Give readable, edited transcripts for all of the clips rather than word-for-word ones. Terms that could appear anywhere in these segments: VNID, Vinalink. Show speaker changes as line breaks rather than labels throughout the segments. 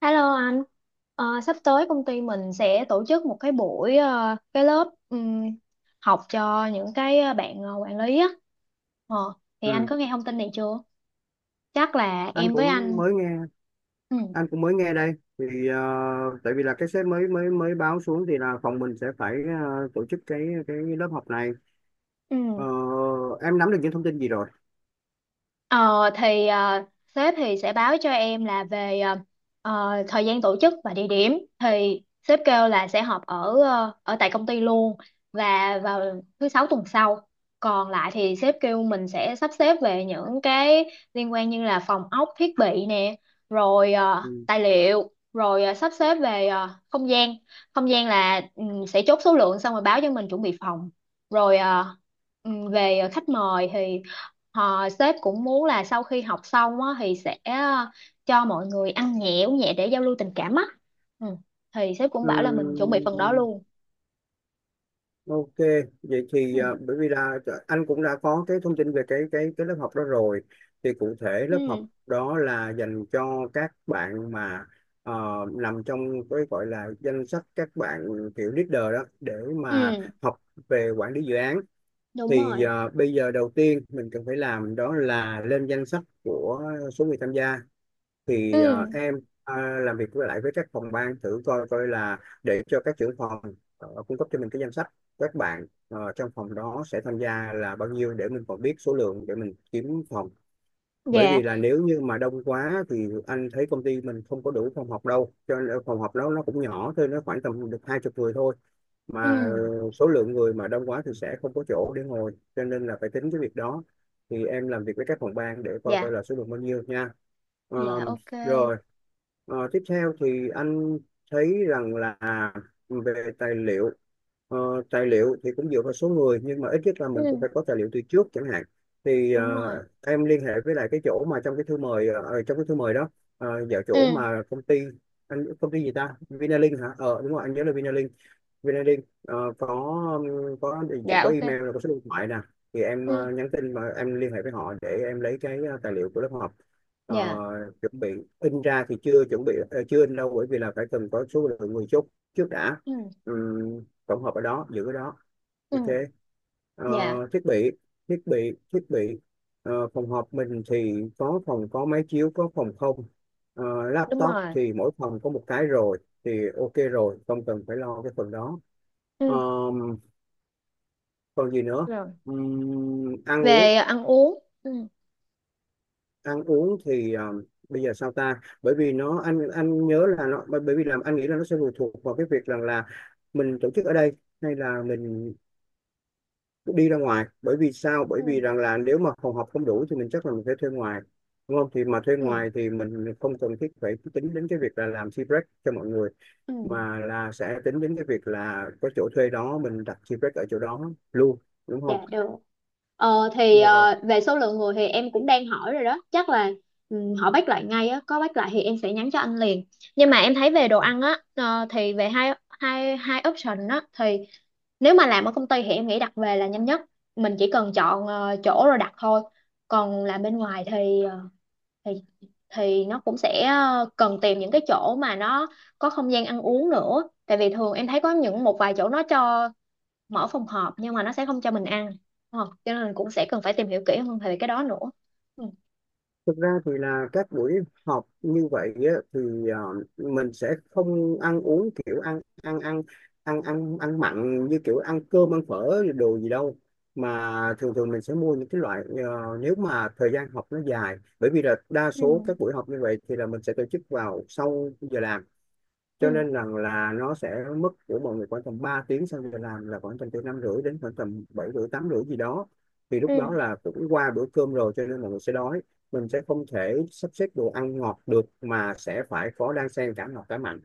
Hello anh. Sắp tới công ty mình sẽ tổ chức một cái buổi cái lớp học cho những cái bạn quản lý á. Ờ, thì anh
Ừ,
có nghe thông tin này chưa? Chắc là
anh
em với
cũng
anh.
mới nghe
Ừ.
anh cũng mới nghe đây thì tại vì là cái sếp mới mới mới báo xuống, thì là phòng mình sẽ phải tổ chức cái lớp học này. Ờ,
Ừ.
em nắm được những thông tin gì rồi?
Ờ thì ờ, Sếp thì sẽ báo cho em là về thời gian tổ chức và địa điểm thì sếp kêu là sẽ họp ở ở tại công ty luôn và vào thứ sáu tuần sau. Còn lại thì sếp kêu mình sẽ sắp xếp về những cái liên quan như là phòng ốc, thiết bị nè, rồi
Ừ.
tài liệu, rồi sắp xếp về không gian. Không gian là ừ, sẽ chốt số lượng xong rồi báo cho mình chuẩn bị phòng. Rồi ờ, về khách mời thì họ sếp cũng muốn là sau khi học xong á, thì sẽ cho mọi người ăn nhẹ uống nhẹ để giao lưu tình cảm á. Ừ, thì sếp cũng bảo là mình chuẩn bị phần đó
Ừm,
luôn.
ok, vậy
Ừ.
thì bởi vì là anh cũng đã có cái thông tin về cái lớp học đó rồi, thì cụ thể lớp học
Ừ.
đó là dành cho các bạn mà ờ, nằm trong cái gọi là danh sách các bạn kiểu leader đó để mà
Ừ.
học về quản lý dự án.
Đúng
Thì
rồi.
bây giờ đầu tiên mình cần phải làm đó là lên danh sách của số người tham gia, thì
Ừ.
em ờ, làm việc với lại với các phòng ban thử coi coi là để cho các trưởng phòng cung cấp cho mình cái danh sách các bạn trong phòng đó sẽ tham gia là bao nhiêu để mình còn biết số lượng để mình kiếm phòng. Bởi
Dạ.
vì là nếu như mà đông quá thì anh thấy công ty mình không có đủ phòng học đâu, cho nên phòng học đó nó cũng nhỏ thôi, nó khoảng tầm được 20 người thôi,
Ừ.
mà số lượng người mà đông quá thì sẽ không có chỗ để ngồi, cho nên là phải tính cái việc đó. Thì em làm việc với các phòng ban để coi coi
Dạ.
là số lượng bao nhiêu nha. Ờ,
Dạ ok.
Rồi. Tiếp theo thì anh thấy rằng là về tài liệu. Ờ, Tài liệu thì cũng dựa vào số người, nhưng mà ít nhất là mình cũng
Ừ.
phải có tài liệu từ trước chẳng hạn. Thì
Đúng rồi.
em liên hệ với lại cái chỗ mà trong cái thư mời ờ, ờ, trong cái thư mời đó, vào chỗ
Ừ.
mà công ty, anh công ty gì ta, Vinalink hả? Ờ Đúng rồi, anh nhớ là Vinalink, VNID. Có,
Dạ
có
ok.
email, là có số điện thoại nè. Thì em
Ừ.
nhắn tin và em liên hệ với họ để em lấy cái tài liệu của lớp học.
Dạ.
Ờ, Chuẩn bị in ra thì chưa chuẩn bị, chưa in đâu, bởi vì là phải cần có số lượng người chốt trước đã.
Ừ.
Tổng hợp ở đó, giữ ở đó,
Ừ.
ok. Ờ,
Dạ.
Thiết bị, thiết bị. Phòng họp mình thì có, phòng có máy chiếu, có phòng không? Ờ,
Đúng
Laptop
rồi.
thì mỗi phòng có một cái rồi, thì ok rồi, không cần phải lo cái phần đó.
Ừ.
Ờm, Còn gì nữa.
Rồi.
Ừm, ăn uống
Về ăn uống, ừ.
ăn uống thì bây giờ sao ta, bởi vì nó, anh nhớ là nó, bởi bởi vì làm anh nghĩ là nó sẽ phụ thuộc vào cái việc rằng là mình tổ chức ở đây hay là mình đi ra ngoài. Bởi vì sao, bởi vì
Ừ.
rằng là nếu mà phòng họp không đủ thì mình chắc là mình phải thuê ngoài, đúng không? Thì mà thuê
Ừ.
ngoài thì mình không cần thiết phải tính đến cái việc là làm tea break cho mọi người,
Ừ.
mà là sẽ tính đến cái việc là có chỗ thuê đó mình đặt tea break ở chỗ đó luôn, đúng không?
Dạ được.
Được rồi.
Về số lượng người thì em cũng đang hỏi rồi đó, chắc là ừ, họ bắt lại ngay á. Có bắt lại thì em sẽ nhắn cho anh liền, nhưng mà em thấy về đồ ăn á, thì về hai hai hai option á thì nếu mà làm ở công ty thì em nghĩ đặt về là nhanh nhất, mình chỉ cần chọn chỗ rồi đặt thôi. Còn làm bên ngoài thì thì thì nó cũng sẽ cần tìm những cái chỗ mà nó có không gian ăn uống nữa, tại vì thường em thấy có những một vài chỗ nó cho mở phòng họp nhưng mà nó sẽ không cho mình ăn, đúng không, cho nên mình cũng sẽ cần phải tìm hiểu kỹ hơn về cái đó nữa. Ừ.
Thực ra thì là các buổi họp như vậy á, thì ờ, mình sẽ không ăn uống kiểu ăn ăn ăn ăn ăn ăn mặn như kiểu ăn cơm ăn phở đồ gì đâu, mà thường thường mình sẽ mua những cái loại nếu mà thời gian học nó dài, bởi vì là đa
Ừ.
số các buổi họp như vậy thì là mình sẽ tổ chức vào sau giờ làm,
Ừ.
cho nên rằng là nó sẽ mất của mọi người khoảng tầm 3 tiếng sau giờ làm, là khoảng tầm từ 5 rưỡi đến khoảng tầm 7 rưỡi 8 rưỡi gì đó. Thì lúc
Ừ.
đó là cũng qua bữa cơm rồi, cho nên mọi người sẽ đói, mình sẽ không thể sắp xếp đồ ăn ngọt được, mà sẽ phải có đan xen cả ngọt cả mặn.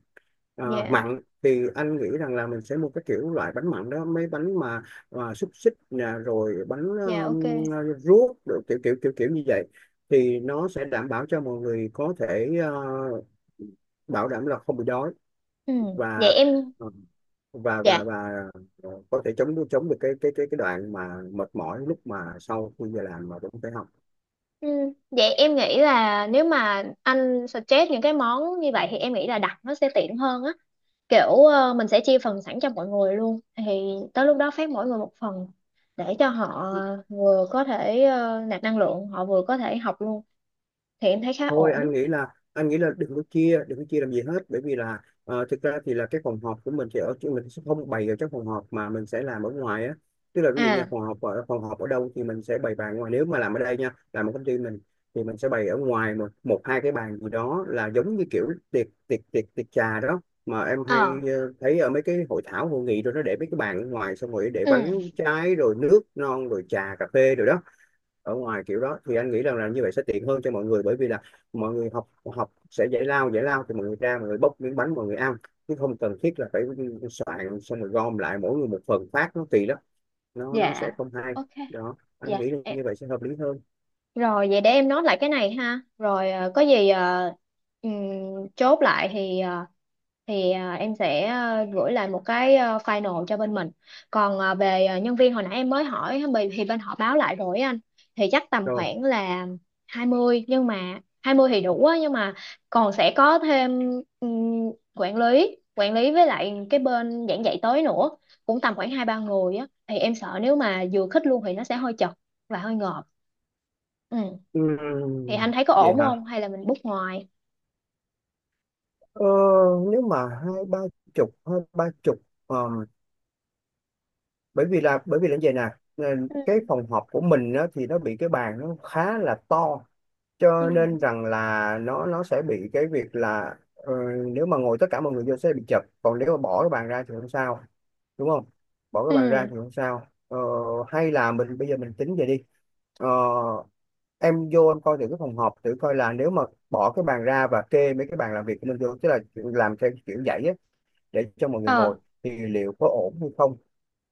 À,
Dạ.
mặn thì anh nghĩ rằng là mình sẽ mua cái kiểu loại bánh mặn đó, mấy bánh mà xúc xích nè, rồi bánh
Dạ ok.
ruốc, rồi kiểu kiểu kiểu kiểu như vậy. Thì nó sẽ đảm bảo cho mọi người có thể bảo đảm là không bị đói,
Ừ. Vậy
và
em,
ờ, và
dạ,
và và có thể chống chống được cái đoạn mà mệt mỏi lúc mà sau khi giờ làm mà vẫn phải học.
ừ, vậy em nghĩ là nếu mà anh suggest những cái món như vậy thì em nghĩ là đặt nó sẽ tiện hơn á, kiểu mình sẽ chia phần sẵn cho mọi người luôn, thì tới lúc đó phát mỗi người một phần để cho họ vừa có thể nạp năng lượng, họ vừa có thể học luôn, thì em thấy khá
Thôi,
ổn.
anh nghĩ là đừng có chia làm gì hết, bởi vì là thực ra thì là cái phòng họp của mình sẽ ở chứ, mình sẽ không bày ở trong phòng họp mà mình sẽ làm ở ngoài á, tức là ví dụ như
À.
phòng họp ở đâu thì mình sẽ bày bàn ngoài, nếu mà làm ở đây nha, làm ở công ty mình, thì mình sẽ bày ở ngoài một một hai cái bàn gì đó, là giống như kiểu tiệc tiệc tiệc tiệc trà đó mà em hay
Ờ.
thấy ở mấy cái hội thảo hội nghị, rồi nó để mấy cái bàn ở ngoài, xong rồi để
Ừ.
bánh trái, rồi nước non, rồi trà cà phê rồi đó. Ở ngoài kiểu đó thì anh nghĩ rằng là như vậy sẽ tiện hơn cho mọi người, bởi vì là mọi người học học sẽ giải lao, thì mọi người ra, mọi người bốc miếng bánh, mọi người ăn, chứ không cần thiết là phải soạn xong rồi gom lại mỗi người một phần phát, nó kỳ lắm, nó sẽ
Dạ
không hay.
ok.
Đó, anh
Dạ
nghĩ là
em
như vậy sẽ hợp lý hơn.
rồi, vậy để em nốt lại cái này ha. Rồi ờ, có gì ờ, ừm, Chốt lại thì em sẽ gửi lại một cái final cho bên mình. Còn về nhân viên hồi nãy em mới hỏi thì bên họ báo lại rồi á anh. Thì chắc tầm
Rồi.
khoảng là 20, nhưng mà 20 thì đủ á, nhưng mà còn sẽ có thêm quản lý với lại cái bên giảng dạy tới nữa, cũng tầm khoảng hai ba người á, thì em sợ nếu mà vừa khích luôn thì nó sẽ hơi chật và hơi ngợp. Ừ, thì anh
Ừm,
thấy có
Vậy
ổn không
hả?
hay là mình book ngoài?
ờ, Nếu mà hai ba chục, hai ba chục, ờ, bởi vì là như vậy nè. ờ, cái
Ừ.
phòng họp của mình á, thì nó bị cái bàn nó khá là to, cho nên
Ừ.
rằng là nó sẽ bị cái việc là nếu mà ngồi tất cả mọi người vô sẽ bị chật, còn nếu mà bỏ cái bàn ra thì không sao, đúng không? Bỏ cái bàn ra
Ừ.
thì không sao. Ờ, Hay là mình bây giờ mình tính vậy đi. Ờ, em vô em coi thử cái phòng họp, thử coi là nếu mà bỏ cái bàn ra và kê mấy cái bàn làm việc của mình vô, tức là làm theo kiểu dãy á, để cho mọi người
Ờ.
ngồi thì liệu có ổn hay không.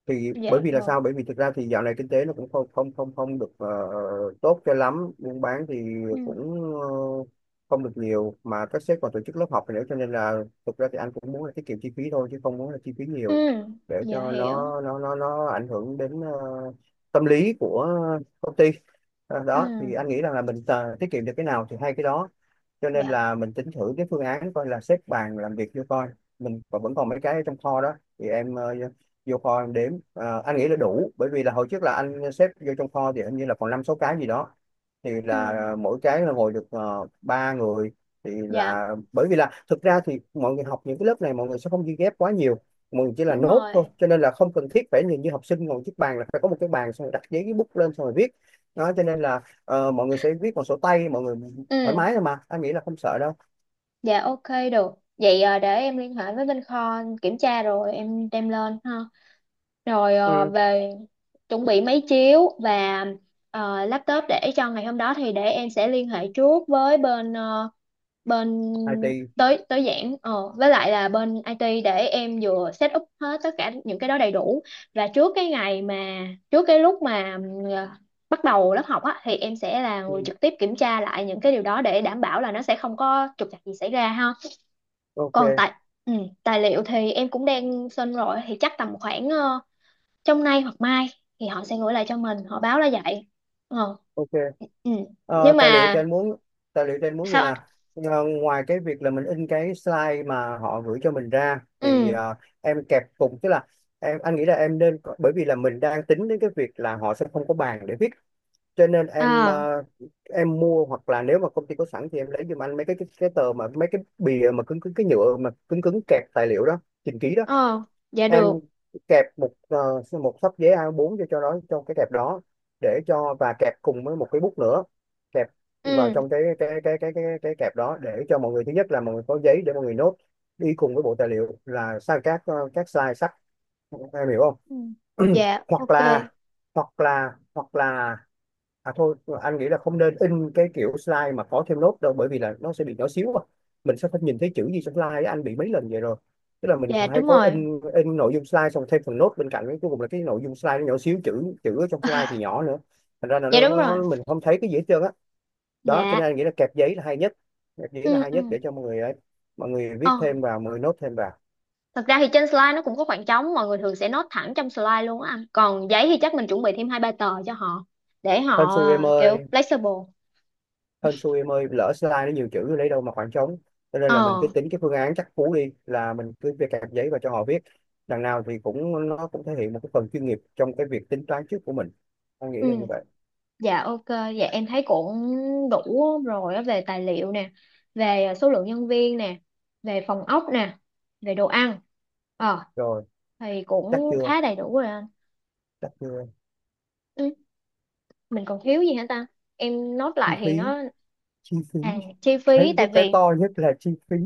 Thì bởi
Dạ
vì là
rồi.
sao, bởi vì thực ra thì dạo này kinh tế nó cũng không không không không được tốt cho lắm, buôn bán thì
Ừ.
cũng không được nhiều, mà các sếp còn tổ chức lớp học nữa, cho nên là thực ra thì anh cũng muốn là tiết kiệm chi phí thôi, chứ không muốn là chi phí
Ừ.
nhiều để
Dạ
cho
hiểu.
nó ảnh hưởng đến tâm lý của công ty.
Ừ.
Đó thì anh nghĩ rằng là mình tiết kiệm được cái nào thì hay cái đó, cho nên
Dạ.
là mình tính thử cái phương án coi là xếp bàn làm việc cho coi. Vẫn còn mấy cái ở trong kho đó, thì em vô kho em đếm. Ờ, anh nghĩ là đủ, bởi vì là hồi trước là anh xếp vô trong kho thì hình như là còn năm sáu cái gì đó, thì
Ừ.
là mỗi cái là ngồi được ba người. Thì
Dạ.
là bởi vì là thực ra thì mọi người học những cái lớp này mọi người sẽ không ghi ghép quá nhiều, mọi người chỉ là
Đúng
nốt thôi,
rồi.
cho nên là không cần thiết phải nhìn như học sinh ngồi chiếc bàn là phải có một cái bàn xong rồi đặt giấy cái bút lên xong rồi viết đó, cho nên là mọi người sẽ viết bằng sổ tay mọi người thoải
Ừ.
mái thôi mà, anh nghĩ là không sợ đâu.
Dạ ok. Được, vậy để em liên hệ với bên kho kiểm tra rồi em đem lên ha.
Ừ.
Về chuẩn bị máy chiếu và laptop để cho ngày hôm đó thì để em sẽ liên hệ trước với bên bên
IT.
tới tới giảng ờ với lại là bên IT để em vừa set up hết tất cả những cái đó đầy đủ, và trước cái ngày mà trước cái lúc mà bắt đầu lớp học á thì em sẽ là
Ừ,
người trực tiếp kiểm tra lại những cái điều đó để đảm bảo là nó sẽ không có trục trặc gì xảy ra ha.
ok,
Còn tài, ừ, tài liệu thì em cũng đang xin rồi, thì chắc tầm khoảng trong nay hoặc mai thì họ sẽ gửi lại cho mình, họ báo là vậy. Ờ.
ok.
Ừ. Nhưng
Tài liệu
mà
thì anh muốn tài liệu thì anh muốn gì
sao
nè?
anh?
Ngoài cái việc là mình in cái slide mà họ gửi cho mình ra, thì
Ừ.
em kẹp cùng, tức là anh nghĩ là bởi vì là mình đang tính đến cái việc là họ sẽ không có bàn để viết, cho nên em
À.
em mua, hoặc là nếu mà công ty có sẵn thì em lấy giùm anh mấy cái cái tờ mà mấy cái bìa mà cứng cứng, cái nhựa mà cứng cứng kẹp tài liệu đó trình ký.
Ờ. Dạ được.
Em kẹp một ờ, một xấp giấy A4 cho đó trong cái kẹp đó, để cho, và kẹp cùng với một cái bút nữa, kẹp Vào
Ừ.
trong cái kẹp đó để cho mọi người, thứ nhất là mọi người có giấy để mọi người nốt đi cùng với bộ tài liệu là sang các các slide sách. Em hiểu không?
Ừ. Dạ
hoặc
ok.
là hoặc là hoặc là À thôi, anh nghĩ là không nên in cái kiểu slide mà có thêm nốt đâu, bởi vì là nó sẽ bị nhỏ xíu à. Mình sẽ phải nhìn thấy chữ gì trong slide á, anh bị mấy lần vậy rồi. Tức là mình
Dạ
hay
đúng
có
rồi.
in nội dung slide xong thêm phần nốt bên cạnh, cuối cùng là cái nội dung slide nó nhỏ xíu, chữ chữ ở trong slide thì nhỏ nữa. Thành ra là
Dạ
nó,
đúng rồi.
nó mình không thấy cái gì hết trơn á. Đó, cho
Dạ.
nên anh nghĩ là kẹp giấy là hay nhất. Kẹp giấy là
Ừ.
hay
Ừ.
nhất để cho mọi người ấy, mọi người viết
Ờ,
thêm vào, mọi người nốt thêm vào.
thật ra thì trên slide nó cũng có khoảng trống, mọi người thường sẽ note thẳng trong slide luôn á anh. Còn giấy thì chắc mình chuẩn bị thêm hai ba tờ cho họ để
Hên
họ
xui em
kiểu
ơi.
flexible.
Hên xui em ơi, lỡ slide nó nhiều chữ lấy đâu mà khoảng trống. Cho nên là mình cứ
Ờ.
tính cái phương án chắc cú đi, là mình cứ viết cạc giấy và cho họ viết, đằng nào thì cũng nó cũng thể hiện một cái phần chuyên nghiệp trong cái việc tính toán trước của mình. Anh nghĩ
Ừ.
là như vậy.
Dạ ok, dạ em thấy cũng đủ rồi á, về tài liệu nè, về số lượng nhân viên nè, về phòng ốc nè, về đồ ăn. Ờ,
Rồi,
thì
chắc
cũng
chưa?
khá đầy đủ rồi anh.
Chắc chưa?
Ừ. Mình còn thiếu gì hả ta, em nốt
Chi
lại thì
phí,
nó.
chi phí.
À, chi
cái
phí. Tại
cái
vì,
to nhất là chi phí.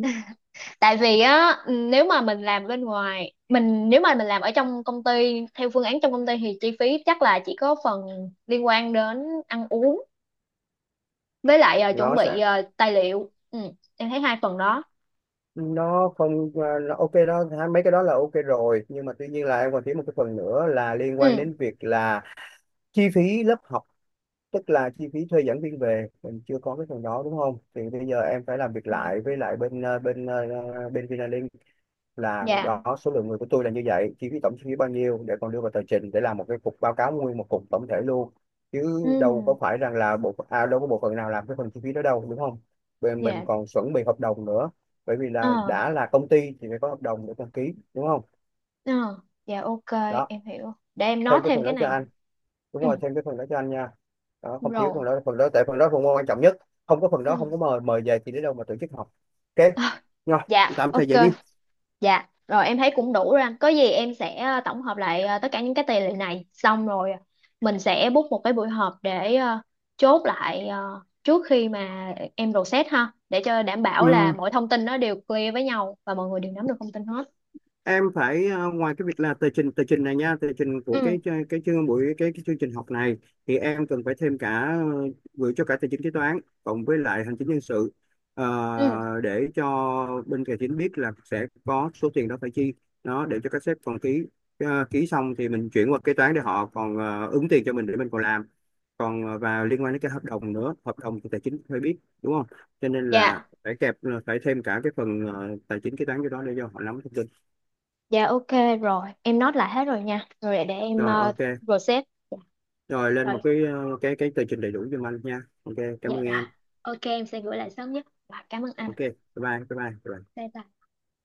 tại vì á, nếu mà mình làm bên ngoài mình, nếu mà mình làm ở trong công ty theo phương án trong công ty thì chi phí chắc là chỉ có phần liên quan đến ăn uống với lại chuẩn
Nó
bị
sẽ
tài liệu, ừ, em thấy hai phần đó.
nó không à, Nó ok đó ha, mấy cái đó là ok rồi, nhưng mà tuy nhiên là em còn thiếu một cái phần nữa là liên quan
Ừ.
đến việc là chi phí lớp học. Tức là chi phí thuê giảng viên về mình chưa có cái phần đó, đúng không? Thì bây giờ em phải làm việc
Ờ.
lại với lại bên Vinalink, là
Dạ.
đó, số lượng người của tôi là như vậy, chi phí tổng chi phí bao nhiêu, để còn đưa vào tờ trình để làm một cái cục báo cáo nguyên một cục tổng thể luôn. Chứ đâu có
Ừ.
phải rằng là đâu có bộ phận nào làm cái phần chi phí đó đâu, đúng không? Bên mình
Dạ.
còn chuẩn bị hợp đồng nữa, bởi vì
Ờ.
là đã là công ty thì phải có hợp đồng để đăng ký, đúng không?
Ờ. Dạ ok,
Đó,
em hiểu, để em nói
thêm cái
thêm
phần
cái
đó cho
này.
anh. Đúng
Ừ.
rồi, thêm cái phần đó cho anh nha. Đó, không thiếu phần
Rồi.
đó, phần đó tại phần đó phần môn quan trọng nhất. Không có phần đó không có
Ừ.
mời mời về thì đến đâu mà tổ chức học. Ok,
Ờ.
rồi,
Dạ
tạm thời
ok.
vậy đi.
Dạ, rồi em thấy cũng đủ rồi anh. Có gì em sẽ tổng hợp lại tất cả những cái tài liệu này xong rồi mình sẽ book một cái buổi họp để chốt lại trước khi mà em process ha, để cho đảm bảo là
Ừ,
mọi thông tin nó đều clear với nhau và mọi người đều nắm được thông tin hết.
em phải ngoài cái việc là tờ trình này nha, tờ trình của
Ừ.
cái cái cái chương trình học này, thì em cần phải thêm cả gửi cho cả tài chính kế toán cộng với lại hành chính nhân sự.
Ừ.
Để cho bên tài chính biết là sẽ có số tiền đó phải chi, nó để cho các sếp còn ký. Ờ, ký xong thì mình chuyển qua kế toán để họ còn ứng tiền cho mình để mình còn làm, còn vào liên quan đến cái hợp đồng nữa, hợp đồng thì tài chính phải biết, đúng không? Cho nên là
Dạ.
phải kẹp phải thêm cả cái phần tài chính kế toán cho đó để cho họ nắm thông tin.
Dạ ok. Rồi, em note lại hết rồi nha. Rồi, để em
Rồi, ok,
process.
rồi lên một
Rồi,
cái cái tờ trình đầy đủ cho anh nha. Ok, cảm
dạ
ơn
rồi.
em.
Ok, em sẽ gửi lại sớm nhất. Và cảm ơn anh.
Ok, bye bye bye bye, bye bye.
Bye bye.